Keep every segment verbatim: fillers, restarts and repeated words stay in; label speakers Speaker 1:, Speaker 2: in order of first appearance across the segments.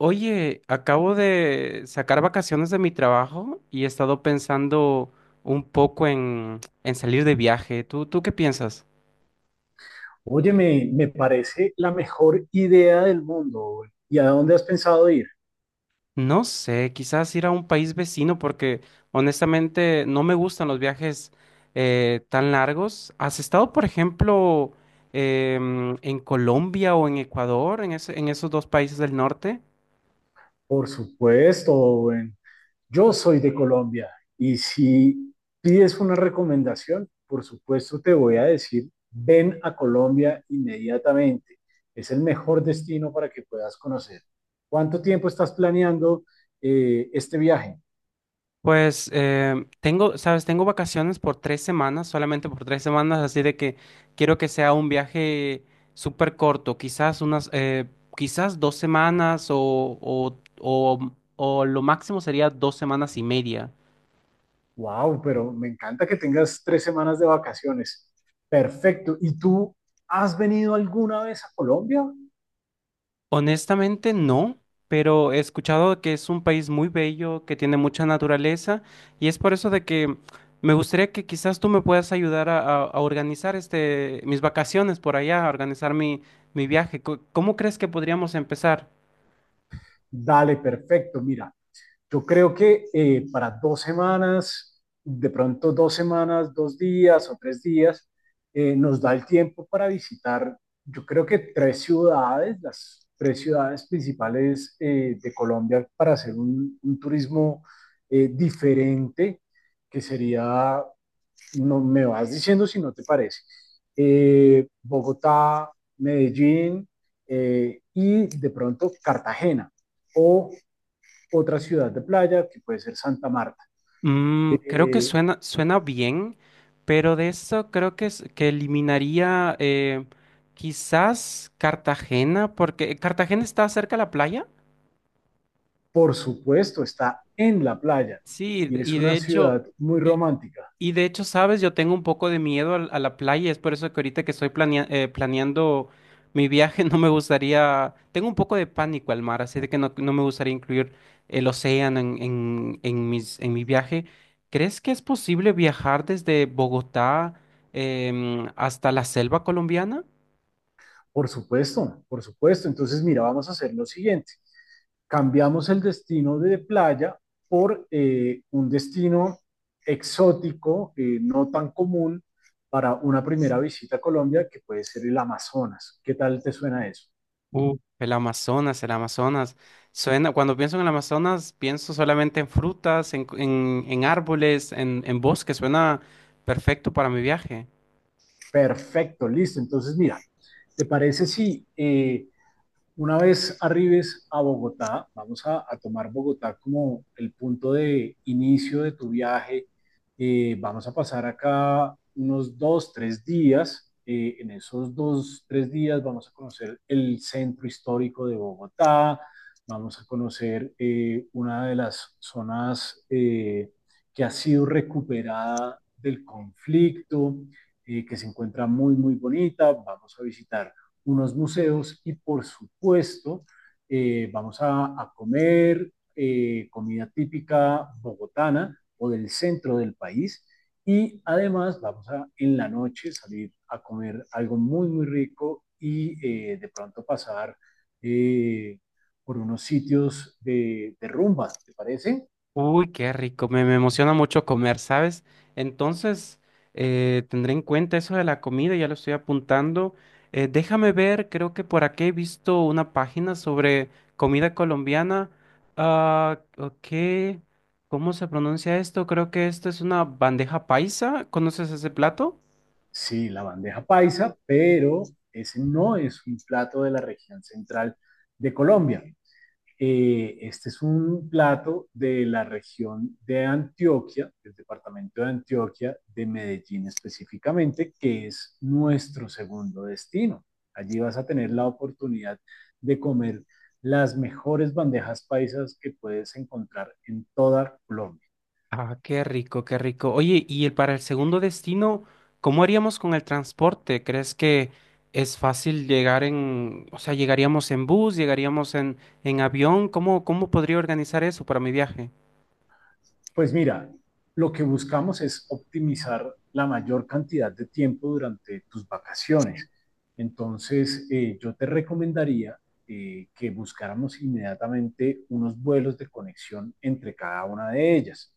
Speaker 1: Oye, acabo de sacar vacaciones de mi trabajo y he estado pensando un poco en, en salir de viaje. ¿Tú, tú qué piensas?
Speaker 2: Oye, me, me parece la mejor idea del mundo, Owen. ¿Y a dónde has pensado ir?
Speaker 1: No sé, quizás ir a un país vecino porque honestamente no me gustan los viajes eh, tan largos. ¿Has estado, por ejemplo, em, en Colombia o en Ecuador, en ese- en esos dos países del norte?
Speaker 2: Por supuesto, Owen. Yo soy de Colombia y si pides una recomendación, por supuesto te voy a decir, ven a Colombia inmediatamente. Es el mejor destino para que puedas conocer. ¿Cuánto tiempo estás planeando eh, este viaje?
Speaker 1: Pues eh, tengo, sabes, tengo vacaciones por tres semanas, solamente por tres semanas, así de que quiero que sea un viaje súper corto, quizás unas, eh, quizás dos semanas o, o, o, o lo máximo sería dos semanas y media.
Speaker 2: Wow, pero me encanta que tengas tres semanas de vacaciones. Perfecto. ¿Y tú has venido alguna vez a Colombia?
Speaker 1: Honestamente no, pero he escuchado que es un país muy bello, que tiene mucha naturaleza y es por eso de que me gustaría que quizás tú me puedas ayudar a, a- a organizar este mis vacaciones por allá, a organizar mi, mi viaje. Co- ¿Cómo crees que podríamos empezar?
Speaker 2: Dale, perfecto. Mira, yo creo que eh, para dos semanas, de pronto dos semanas, dos días o tres días, eh, nos da el tiempo para visitar, yo creo que tres ciudades, las tres ciudades principales eh, de Colombia para hacer un, un turismo eh, diferente, que sería, no me vas diciendo si no te parece, eh, Bogotá, Medellín, eh, y de pronto Cartagena o otra ciudad de playa, que puede ser Santa Marta.
Speaker 1: Mm, creo que
Speaker 2: Eh,
Speaker 1: suena, suena bien, pero de eso creo que, es, que eliminaría eh, quizás Cartagena, porque Cartagena está cerca de la playa.
Speaker 2: por supuesto, está en la playa
Speaker 1: Sí,
Speaker 2: y es
Speaker 1: y de
Speaker 2: una
Speaker 1: hecho,
Speaker 2: ciudad muy
Speaker 1: y,
Speaker 2: romántica.
Speaker 1: y de hecho, sabes, yo tengo un poco de miedo al- a, la playa, es por eso que ahorita que estoy planea- eh, planeando mi viaje, no me gustaría, tengo un poco de pánico al mar, así de que no, no me gustaría incluir el océano en, en, en mis, en mi viaje. ¿Crees que es posible viajar desde Bogotá em, hasta la selva colombiana?
Speaker 2: Por supuesto, por supuesto. Entonces, mira, vamos a hacer lo siguiente. Cambiamos el destino de playa por eh, un destino exótico, eh, no tan común para una primera visita a Colombia, que puede ser el Amazonas. ¿Qué tal te suena eso?
Speaker 1: Uh, el Amazonas, el Amazonas. Suena, cuando pienso en el Amazonas, pienso solamente en frutas, en, en- en árboles, en, en bosque. Suena perfecto para mi viaje.
Speaker 2: Perfecto, listo. Entonces, mira, ¿te parece si eh, Una vez arribes a Bogotá, vamos a, a tomar Bogotá como el punto de inicio de tu viaje. Eh, vamos a pasar acá unos dos, tres días. Eh, en esos dos, tres días vamos a conocer el centro histórico de Bogotá, vamos a conocer eh, una de las zonas eh, que ha sido recuperada del conflicto, eh, que se encuentra muy, muy bonita. Vamos a visitar unos museos y por supuesto eh, vamos a, a comer eh, comida típica bogotana o del centro del país, y además vamos a en la noche salir a comer algo muy muy rico y eh, de pronto pasar eh, por unos sitios de, de rumba, ¿te parece?
Speaker 1: Uy, qué rico, me, me emociona mucho comer, ¿sabes? Entonces, eh, tendré en cuenta eso de la comida, ya lo estoy apuntando. Eh, déjame ver, creo que por aquí he visto una página sobre comida colombiana. Ah, ok, ¿cómo se pronuncia esto? Creo que esto es una bandeja paisa. ¿Conoces ese plato?
Speaker 2: Sí, la bandeja paisa, pero ese no es un plato de la región central de Colombia. Eh, este es un plato de la región de Antioquia, del departamento de Antioquia, de Medellín específicamente, que es nuestro segundo destino. Allí vas a tener la oportunidad de comer las mejores bandejas paisas que puedes encontrar en toda Colombia.
Speaker 1: Ah, qué rico, qué rico. Oye, y el, para el segundo destino, ¿cómo haríamos con el transporte? ¿Crees que es fácil llegar en, o sea, llegaríamos en bus, llegaríamos en, en avión? ¿Cómo, cómo podría organizar eso para mi viaje?
Speaker 2: Pues mira, lo que buscamos es optimizar la mayor cantidad de tiempo durante tus vacaciones. Entonces, eh, yo te recomendaría eh, que buscáramos inmediatamente unos vuelos de conexión entre cada una de ellas.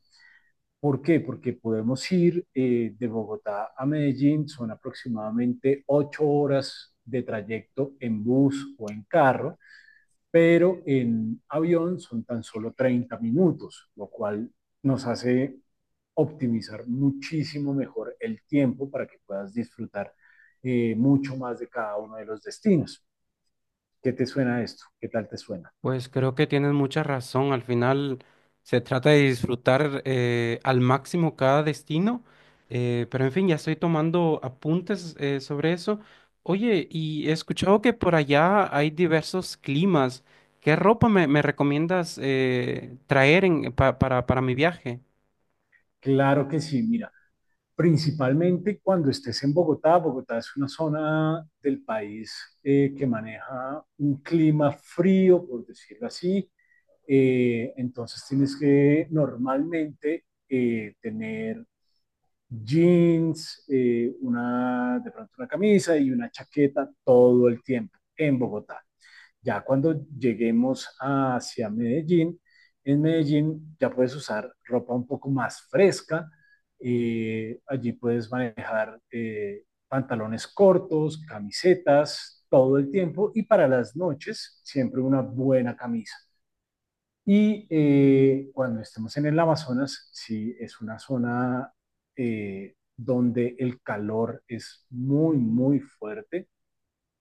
Speaker 2: ¿Por qué? Porque podemos ir eh, de Bogotá a Medellín, son aproximadamente ocho horas de trayecto en bus o en carro, pero en avión son tan solo treinta minutos, lo cual nos hace optimizar muchísimo mejor el tiempo para que puedas disfrutar eh, mucho más de cada uno de los destinos. ¿Qué te suena esto? ¿Qué tal te suena?
Speaker 1: Pues creo que tienes mucha razón. Al final se trata de disfrutar eh, al máximo cada destino. Eh, pero en fin, ya estoy tomando apuntes eh, sobre eso. Oye, y he escuchado que por allá hay diversos climas. ¿Qué ropa me, me recomiendas eh, traer en- pa- para, para mi viaje?
Speaker 2: Claro que sí, mira, principalmente cuando estés en Bogotá. Bogotá es una zona del país eh, que maneja un clima frío, por decirlo así. Eh, entonces tienes que normalmente eh, tener jeans, eh, una, de pronto una camisa y una chaqueta todo el tiempo en Bogotá. Ya cuando lleguemos hacia Medellín, en Medellín ya puedes usar ropa un poco más fresca. eh, allí puedes manejar eh, pantalones cortos, camisetas todo el tiempo y para las noches siempre una buena camisa. Y eh, cuando estemos en el Amazonas, sí es una zona eh, donde el calor es muy, muy fuerte,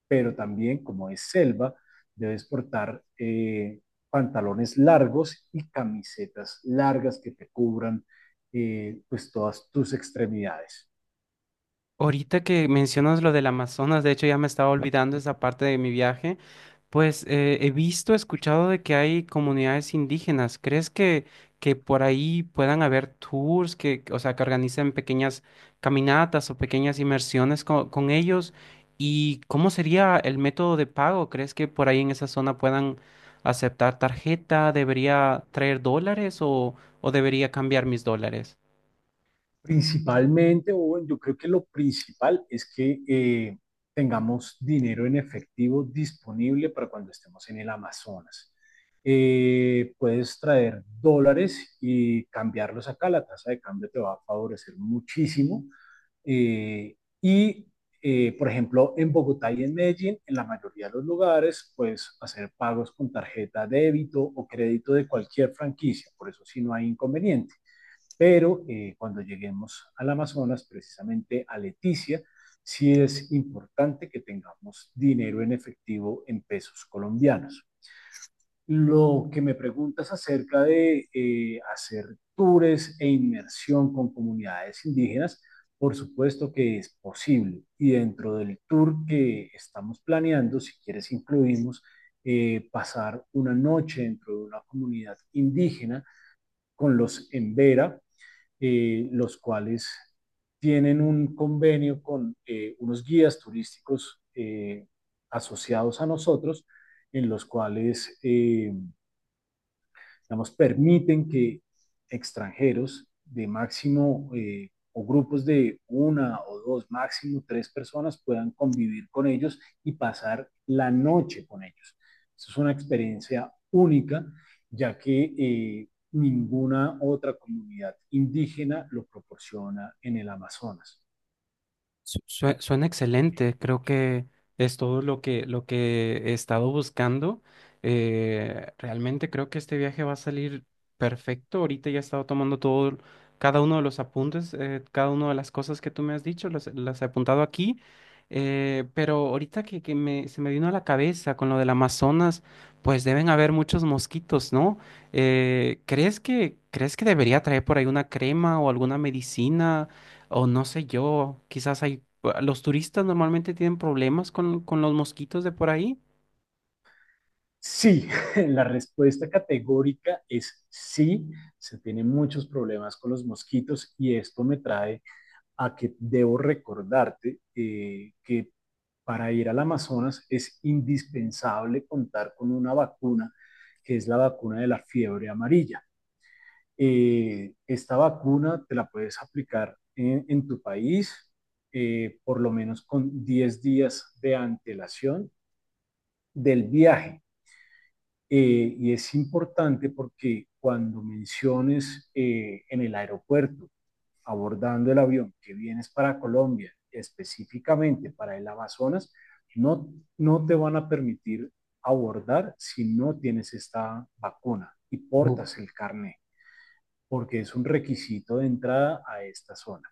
Speaker 2: pero también como es selva, debes portar eh, pantalones largos y camisetas largas que te cubran eh, pues todas tus extremidades.
Speaker 1: Ahorita que mencionas lo del Amazonas, de hecho ya me estaba olvidando esa parte de mi viaje. Pues eh, he visto, escuchado de que hay comunidades indígenas. ¿Crees que, que por ahí puedan haber tours que, o sea, que organicen pequeñas caminatas o pequeñas inmersiones co- con, ellos? ¿Y cómo sería el método de pago? ¿Crees que por ahí en esa zona puedan aceptar tarjeta? ¿Debería traer dólares o, o debería cambiar mis dólares?
Speaker 2: Principalmente, Owen, yo creo que lo principal es que eh, tengamos dinero en efectivo disponible para cuando estemos en el Amazonas. Eh, puedes traer dólares y cambiarlos acá, la tasa de cambio te va a favorecer muchísimo. Eh, y, eh, por ejemplo, en Bogotá y en Medellín, en la mayoría de los lugares, puedes hacer pagos con tarjeta débito o crédito de cualquier franquicia, por eso sí no hay inconveniente, pero eh, cuando lleguemos al Amazonas, precisamente a Leticia, sí es importante que tengamos dinero en efectivo en pesos colombianos. Lo que me preguntas acerca de eh, hacer tours e inmersión con comunidades indígenas, por supuesto que es posible. Y dentro del tour que estamos planeando, si quieres, incluimos eh, pasar una noche dentro de una comunidad indígena con los Embera, eh, los cuales tienen un convenio con eh, unos guías turísticos eh, asociados a nosotros, en los cuales eh, digamos, permiten que extranjeros de máximo eh, o grupos de una o dos, máximo tres personas puedan convivir con ellos y pasar la noche con ellos. Esto es una experiencia única, ya que eh, ninguna otra comunidad indígena lo proporciona en el Amazonas.
Speaker 1: Su- sue- Suena excelente, creo que es todo lo que, lo que he estado buscando. Eh, realmente creo que este viaje va a salir perfecto. Ahorita ya he estado tomando todo, cada uno de los apuntes, eh, cada una de las cosas que tú me has dicho, las, las he apuntado aquí. Eh, pero ahorita que, que me, se me vino a la cabeza con lo del Amazonas, pues deben haber muchos mosquitos, ¿no? Eh, ¿crees que, crees que debería traer por ahí una crema o alguna medicina? O no sé yo, quizás hay, ah, los turistas normalmente tienen problemas con, con los mosquitos de por ahí.
Speaker 2: Sí, la respuesta categórica es sí. Se tienen muchos problemas con los mosquitos y esto me trae a que debo recordarte eh, que para ir al Amazonas es indispensable contar con una vacuna, que es la vacuna de la fiebre amarilla. Eh, esta vacuna te la puedes aplicar en, en tu país eh, por lo menos con diez días de antelación del viaje. Eh, y es importante porque cuando menciones eh, en el aeropuerto abordando el avión que vienes para Colombia, específicamente para el Amazonas, no, no te van a permitir abordar si no tienes esta vacuna y
Speaker 1: Oh,
Speaker 2: portas el carné, porque es un requisito de entrada a esta zona.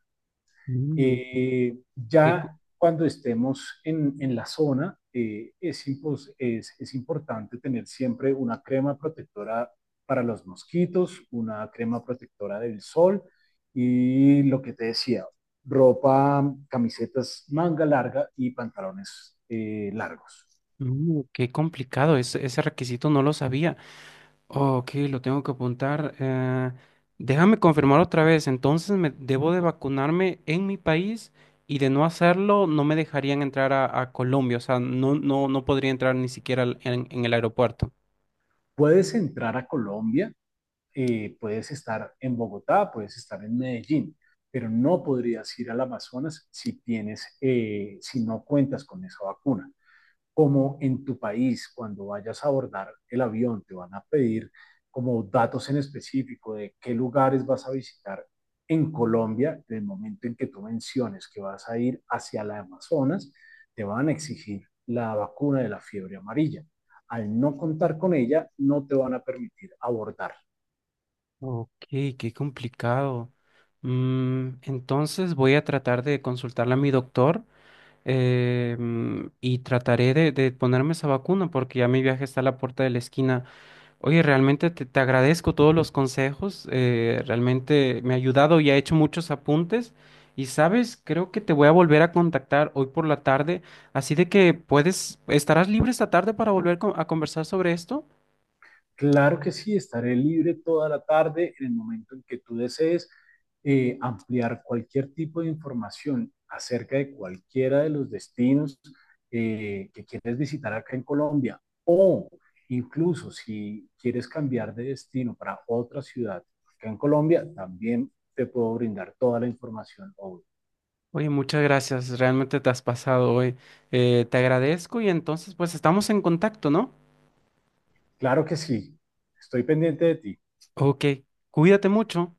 Speaker 1: mm.
Speaker 2: Eh,
Speaker 1: Qué, co-
Speaker 2: ya cuando estemos en, en la zona, eh, es, impos- es- es importante tener siempre una crema protectora para los mosquitos, una crema protectora del sol y lo que te decía, ropa, camisetas manga larga y pantalones eh, largos.
Speaker 1: mm, qué complicado, ese, ese requisito no lo sabía. Ok, lo tengo que apuntar. eh, déjame confirmar otra vez, entonces me debo de vacunarme en mi país y de no hacerlo no me dejarían entrar a, a Colombia, o sea, no, no, no podría entrar ni siquiera al- en, en el aeropuerto.
Speaker 2: Puedes entrar a Colombia, eh, puedes estar en Bogotá, puedes estar en Medellín, pero no podrías ir al Amazonas si tienes, eh, si no cuentas con esa vacuna. Como en tu país, cuando vayas a abordar el avión, te van a pedir como datos en específico de qué lugares vas a visitar en Colombia, del momento en que tú menciones que vas a ir hacia la Amazonas, te van a exigir la vacuna de la fiebre amarilla. Al no contar con ella, no te van a permitir abordar.
Speaker 1: Ok, qué complicado. Mm, entonces voy a tratar de consultarle a mi doctor eh, mm, y trataré de, de ponerme esa vacuna porque ya mi viaje está a la puerta de la esquina. Oye, realmente te, te agradezco todos los consejos, eh, realmente me ha ayudado y ha hecho muchos apuntes. Y sabes, creo que te voy a volver a contactar hoy por la tarde, así de que puedes, ¿estarás libre esta tarde para volver con- a conversar sobre esto?
Speaker 2: Claro que sí, estaré libre toda la tarde en el momento en que tú desees eh, ampliar cualquier tipo de información acerca de cualquiera de los destinos eh, que quieres visitar acá en Colombia, o incluso si quieres cambiar de destino para otra ciudad acá en Colombia, también te puedo brindar toda la información. Obvio.
Speaker 1: Oye, muchas gracias, realmente te has pasado hoy. Eh, te agradezco y entonces pues estamos en contacto, ¿no?
Speaker 2: Claro que sí, estoy pendiente de ti.
Speaker 1: Ok, cuídate mucho.